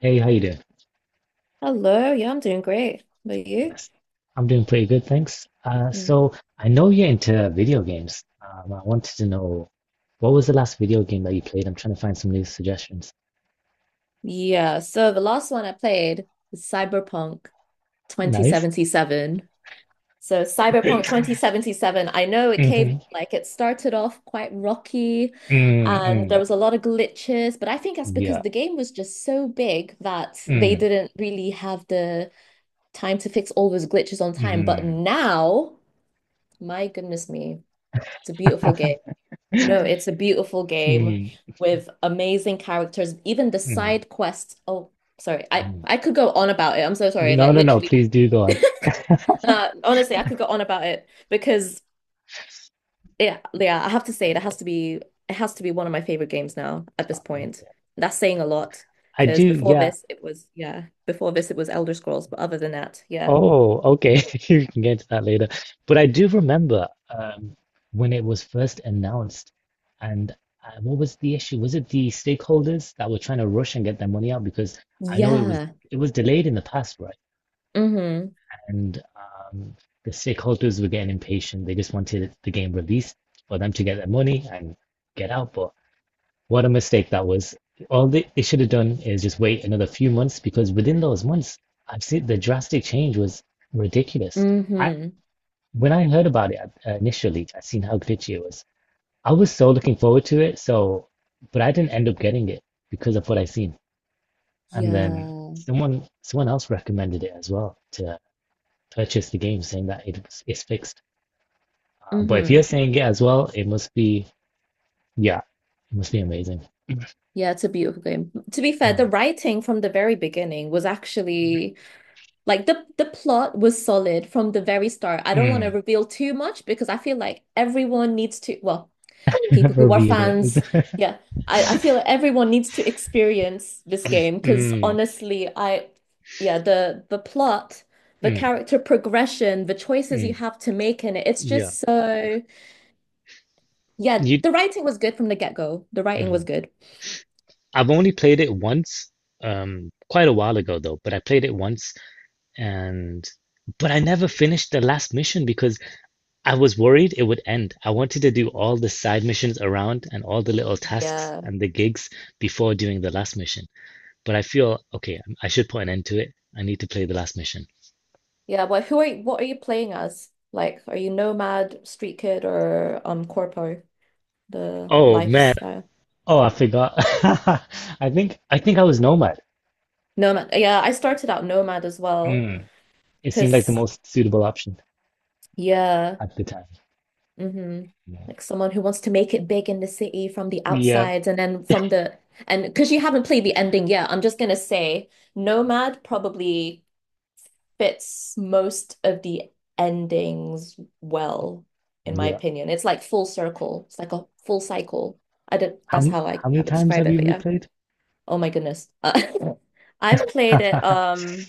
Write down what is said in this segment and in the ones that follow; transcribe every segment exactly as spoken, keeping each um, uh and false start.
Hey, how you doing? Hello, yeah, I'm doing great. But you? Bless. I'm doing pretty good, thanks. Uh, Mm. so I know you're into video games. Um, I wanted to know what was the last video game that you played? I'm trying to find some new suggestions. Yeah, so the last one I played was Cyberpunk Nice. twenty seventy-seven. So Cyberpunk twenty seventy-seven, I know it came Mm-hmm. like it started off quite rocky Mm, and there mm. was a lot of glitches, but I think that's Yeah. because the game was just so big that they Mm, didn't really have the time to fix all those glitches on time. But mm, now, my goodness me, it's a beautiful game. No, it's a beautiful game mm, with amazing characters. Even the mm, side quests. Oh, sorry. I mm. I could go on about it. I'm so sorry. No, Like no, no. literally, Please do go on. uh, honestly, I could go on about it because yeah, yeah. I have to say it has to be it has to be one of my favorite games now at this point. That's saying a lot I do. because before Yeah. this it was yeah. Before this it was Elder Scrolls, but other than that, yeah, Oh, okay. You can get to that later. But I do remember um, when it was first announced, and uh, what was the issue? Was it the stakeholders that were trying to rush and get their money out? Because I know it was yeah. it was delayed in the past, right? Mm-hmm. And um, the stakeholders were getting impatient. They just wanted the game released for them to get their money and get out. But what a mistake that was. All they, they should have done is just wait another few months because within those months, I've seen the drastic change was ridiculous. I Mm-hmm. when I heard about it uh, initially, I seen how glitchy it was. I was so looking forward to it, so but I didn't end up getting it because of what I seen. And then Yeah. someone someone else recommended it as well to purchase the game, saying that it was it's fixed. Uh, but if you're Mm-hmm. saying it as well, it must be yeah, it must be amazing. Yeah, it's a beautiful game. To be fair, the writing from the very beginning was actually like the the plot was solid from the very start. I don't want to Mm. reveal too much because I feel like everyone needs to, well, people who are Reveal fans, it. yeah. I, I feel like everyone needs to experience this game because Mm. honestly, I yeah, the the plot, the Mm, character progression, the choices you mm, have to make in it, it's yeah. just so yeah, You, the writing was good from the get-go. The writing was mm. good. I've only played it once, um, quite a while ago though, but I played it once and but I never finished the last mission because I was worried it would end. I wanted to do all the side missions around and all the little tasks Yeah. and the gigs before doing the last mission. But I feel okay, I should put an end to it. I need to play the last mission. Yeah, but who are you, what are you playing as? Like, are you Nomad, Street Kid, or um Corpo, the Oh man. lifestyle? Oh, I forgot. I think I think I was Nomad. Nomad. Yeah, I started out Nomad as well, Mm. It seemed like the because most suitable option yeah, at the time. mm-hmm. Yeah. Like someone who wants to make it big in the city from the Yeah. outsides and then from the and because you haven't played the ending yet, I'm just gonna say Nomad probably fits most of the endings well, in my Yeah. opinion. It's like full circle. It's like a full cycle. I don't, How that's many, how I, how many I would times describe have it, you but yeah. replayed? Oh my goodness. Uh, I've played it Five. um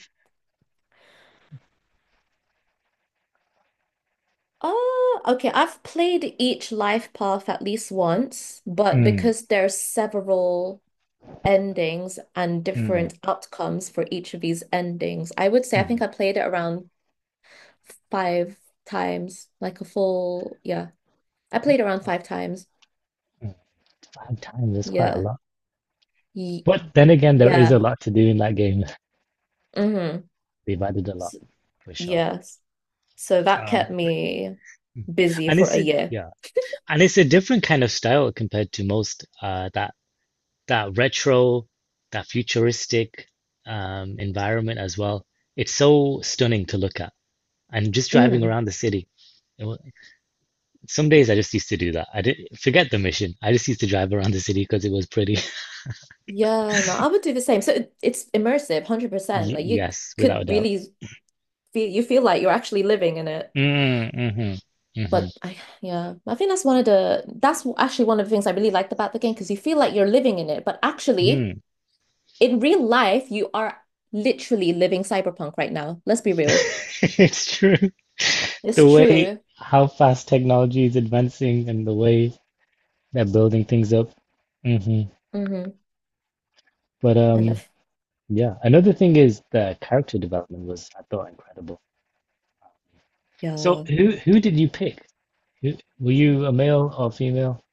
oh okay, I've played each life path at least once, but Mm, because there's several endings and mm, different outcomes for each of these endings, I would say I think mm, I played it around five times, like a full yeah. I played around five times. mm. Five times is quite a Yeah. lot. Ye- But then again, there is a yeah. lot to do in that game. Mm-hmm. They've added a lot, S for sure. yes. So that kept Um, me busy and for it's a a, year. yeah, and it's a different kind of style compared to most. Uh, that that retro, that futuristic, um, environment as well. It's so stunning to look at, and just driving Mm. around the city. Some days I just used to do that. I didn't forget the mission. I just used to drive around the city because it was pretty. Yeah, no, I would do the same. So it, it's immersive, one hundred percent. Like you Yes, without a could doubt. really feel you feel like you're actually living in it. Mm, mm-hmm, mm-hmm, But I yeah, I think that's one of the that's actually one of the things I really liked about the game because you feel like you're living in it, but actually mm. in real life you are literally living cyberpunk right now. Let's be real. It's true. The It's way true. how fast technology is advancing and the way they're building things up. Hmm. Mm-hmm. But And um, if, yeah. Another thing is the character development was, I thought, incredible. So yeah. who who did you pick? Who, were you a male or female?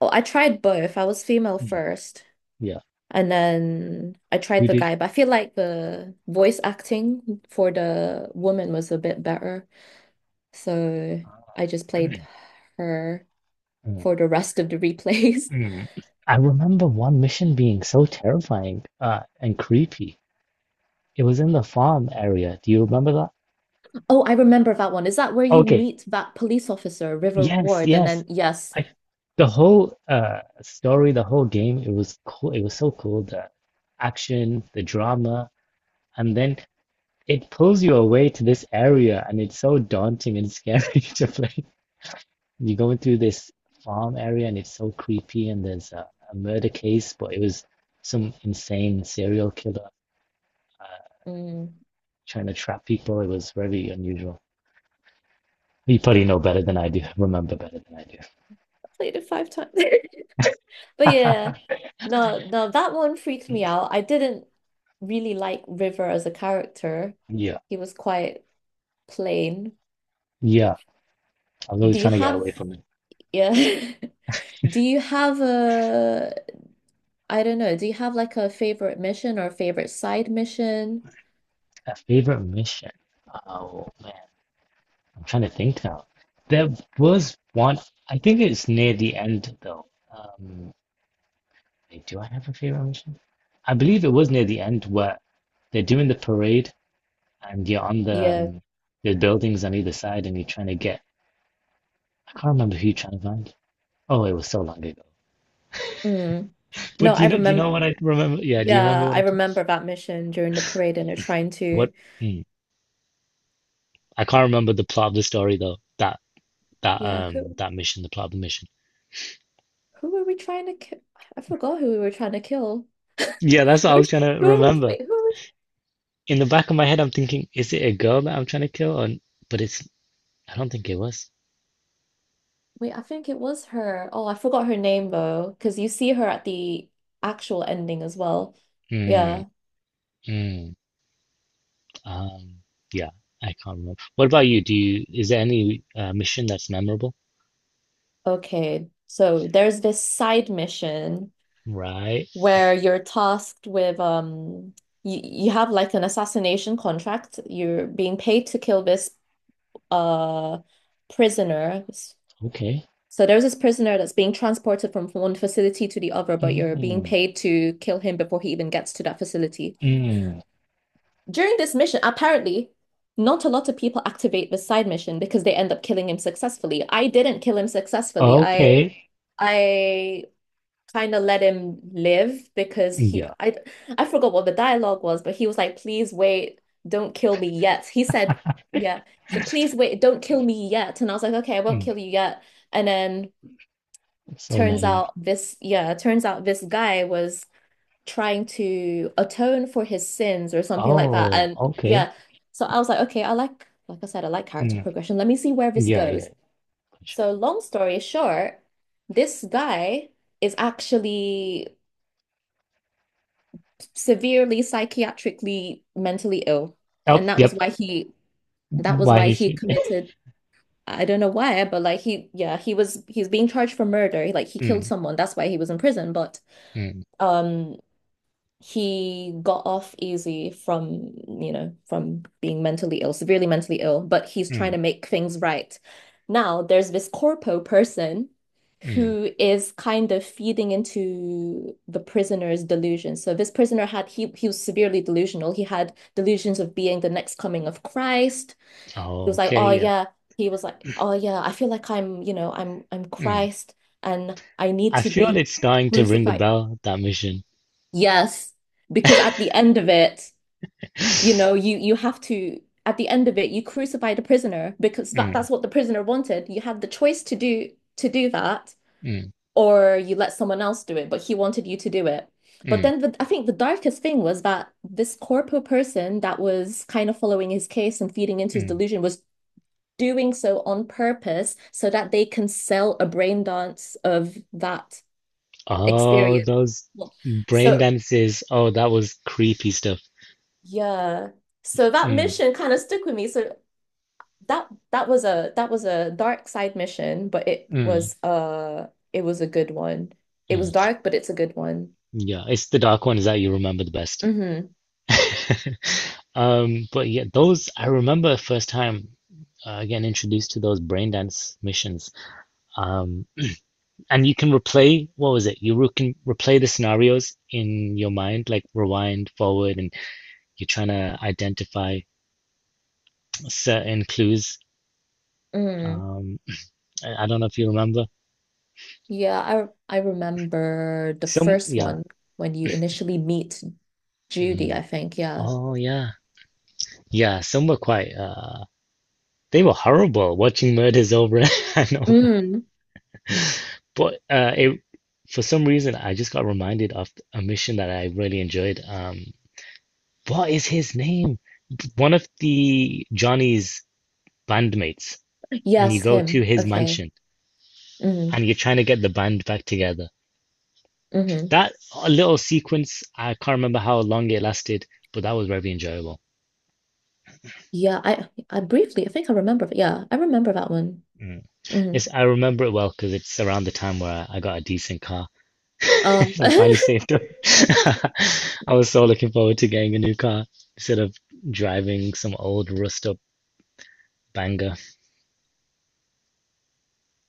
Oh, I tried both. I was female Mm. first, Yeah. and then I Who tried the guy, did? but I feel like the voice acting for the woman was a bit better. So I just played her for the rest of the replays. Mm. I remember one mission being so terrifying uh, and creepy. It was in the farm area. Do you remember that? Oh, I remember that one. Is that where you Okay. meet that police officer, River Yes, Ward? And yes. then, yes, I the whole uh story, the whole game, it was cool. It was so cool. The action, the drama, and then it pulls you away to this area, and it's so daunting and scary to play. You're going through this farm area, and it's so creepy, and there's a, a murder case, but it was some insane serial killer mm, trying to trap people. It was very unusual. You probably know better than I do, remember better than I I played it five times. But do. yeah, no, no, that one freaked me out. I didn't really like River as a character, Yeah, he was quite plain. yeah. I'm really Do you trying to get have away from it. yeah? Do you have a I don't know, do you have like a favorite mission or favorite side mission? A favorite mission. Oh man, I'm trying to think now. There was one, I think it's near the end though. Um, Wait, do I have a favorite mission? I believe it was near the end where they're doing the parade and you're on the Yeah. um, the buildings on either side and you're trying to get, I can't remember who you're trying to find. Oh, it was so long ago. Mm. But No, do I you know? Do you know remember what I remember? Yeah, do you remember yeah, what I I remember that mission during the parade and they're trying what? to Hmm. I can't remember the plot of the story though. That that yeah, um who that mission, the plot of the mission. who were we trying to kill? I forgot who we were trying to kill. Yeah, that's what I was Which, trying to who were we, remember. wait, who were we, In the back of my head, I'm thinking, is it a girl that I'm trying to kill? Or, but it's I don't think it was. wait, I think it was her. Oh, I forgot her name though, because you see her at the actual ending as well. Hmm. Yeah. Hmm. Um. Yeah, I can't remember. What about you? Do you is there any uh, mission that's memorable? Okay. So there's this side mission Right. where you're tasked with um you, you have like an assassination contract. You're being paid to kill this uh prisoner. Okay. So there's this prisoner that's being transported from one facility to the other, but you're being Mm. paid to kill him before he even gets to that facility. Mm. During this mission, apparently, not a lot of people activate the side mission because they end up killing him successfully. I didn't kill him successfully. I Okay. I kind of let him live because he Yeah. I I forgot what the dialogue was, but he was like, please wait, don't kill me yet. He said, yeah. He said, please wait, don't kill me yet. And I was like, okay, I won't Mm. kill you yet. And then So turns naive. out this, yeah, turns out this guy was trying to atone for his sins or something like that. Oh. And Okay. yeah, so I was like, okay, I like like I said, I like character Mm. progression. Let me see where this Yeah, yeah, goes. for sure. So long story short, this guy is actually severely psychiatrically mentally ill. Oh, And that was yep. why he that was Why he why he it? committed I don't know why, but like he yeah, he was he's being charged for murder. Like he killed Mm, someone. That's why he was in prison. But mm, um he got off easy from, you know, from being mentally ill, severely mentally ill, but he's trying mm, to make things right. Now, there's this corpo person mm. who is kind of feeding into the prisoner's delusions. So this prisoner had he he was severely delusional. He had delusions of being the next coming of Christ. He was like, Okay, "Oh yep. yeah." He was like, "Oh yeah, I feel like I'm, you know, I'm I'm Mm. Christ and I need I to feel be it's going to ring a crucified." bell, that mission. Yes, because at the end of it, you know, you you have to at the end of it, you crucify the prisoner because that, Mm, that's what the prisoner wanted. You had the choice to do to do that, mm, or you let someone else do it, but he wanted you to do it. But mm, then the, I think the darkest thing was that this corpo person that was kind of following his case and feeding into his mm. delusion was doing so on purpose so that they can sell a brain dance of that Oh, experience. those Well, brain so dances. Oh, that was creepy stuff. yeah. So that Mm, mission kind of stuck with me. So that that was a that was a dark side mission, but it mm, was uh it was a good one. It was mm. dark, but it's a good one. Yeah, it's the dark ones that you remember the best. Mm-hmm. Um, but yeah, those I remember first time uh, getting introduced to those brain dance missions. Um. And you can replay what was it? You re- can replay the scenarios in your mind, like rewind, forward, and you're trying to identify certain clues. Mm. Um, I I don't know if you remember. Yeah, I I remember the Some, first yeah. one when you initially meet Judy, I Mm. think. Yeah. Oh, yeah. Yeah, some were quite, uh, they were horrible watching murders over and over. Mm. But uh, it, for some reason, I just got reminded of a mission that I really enjoyed. Um, what is his name? One of the Johnny's bandmates and you Yes, go to him. his Okay. mansion and Mm. you're trying to get the band back together. Hmm. That little sequence, I can't remember how long it lasted, but that was very enjoyable. Yeah, I I briefly I think I remember. Yeah, I remember that one. Mm. It's, I remember it well because it's around the time where I, I got a decent car. Um I finally saved up. I was so looking forward to getting a new car instead of driving some old rust up banger.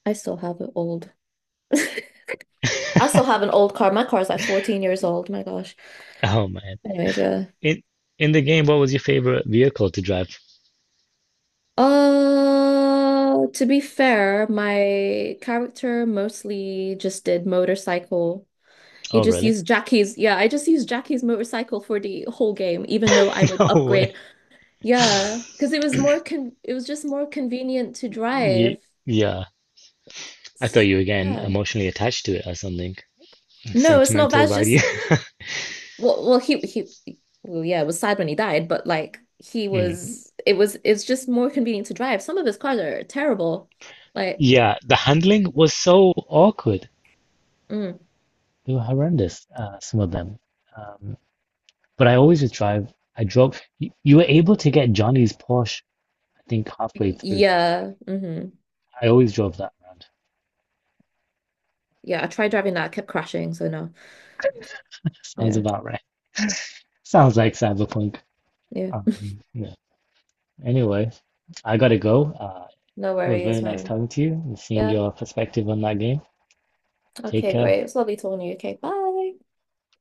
I still have an old. I still have an old car. My car's like fourteen years old. My gosh. Oh man. Anyways, yeah. In in the game, what was your favorite vehicle to drive? Uh, to be fair, my character mostly just did motorcycle. He Oh just really? used Jackie's. Yeah, I just used Jackie's motorcycle for the whole game, even though I would No way. upgrade yeah, because it was more con it was just more convenient to Ye- drive. yeah. I thought S- you were getting Yeah. emotionally attached to it or something. No, it's not bad. Sentimental It's value. just well, well, he he, well, yeah, it was sad when he died, but like he Mm. was, it was, it's just more convenient to drive. Some of his cars are terrible. Like, Yeah, the handling was so awkward. mm, They were horrendous, uh, some of them. Um, but I always would drive. I drove. You, you were able to get Johnny's Porsche, I think, halfway through. yeah, mm-hmm. I always drove that around. Yeah, I tried driving that, I kept crashing, so no. Sounds Yeah, about right. Sounds like Cyberpunk. yeah. Um, yeah. Anyway, I gotta go. Uh, No It was very worries, nice man. talking to you and seeing Yeah. your perspective on that game. Take Okay, care. great. It was lovely talking to you. Okay, bye.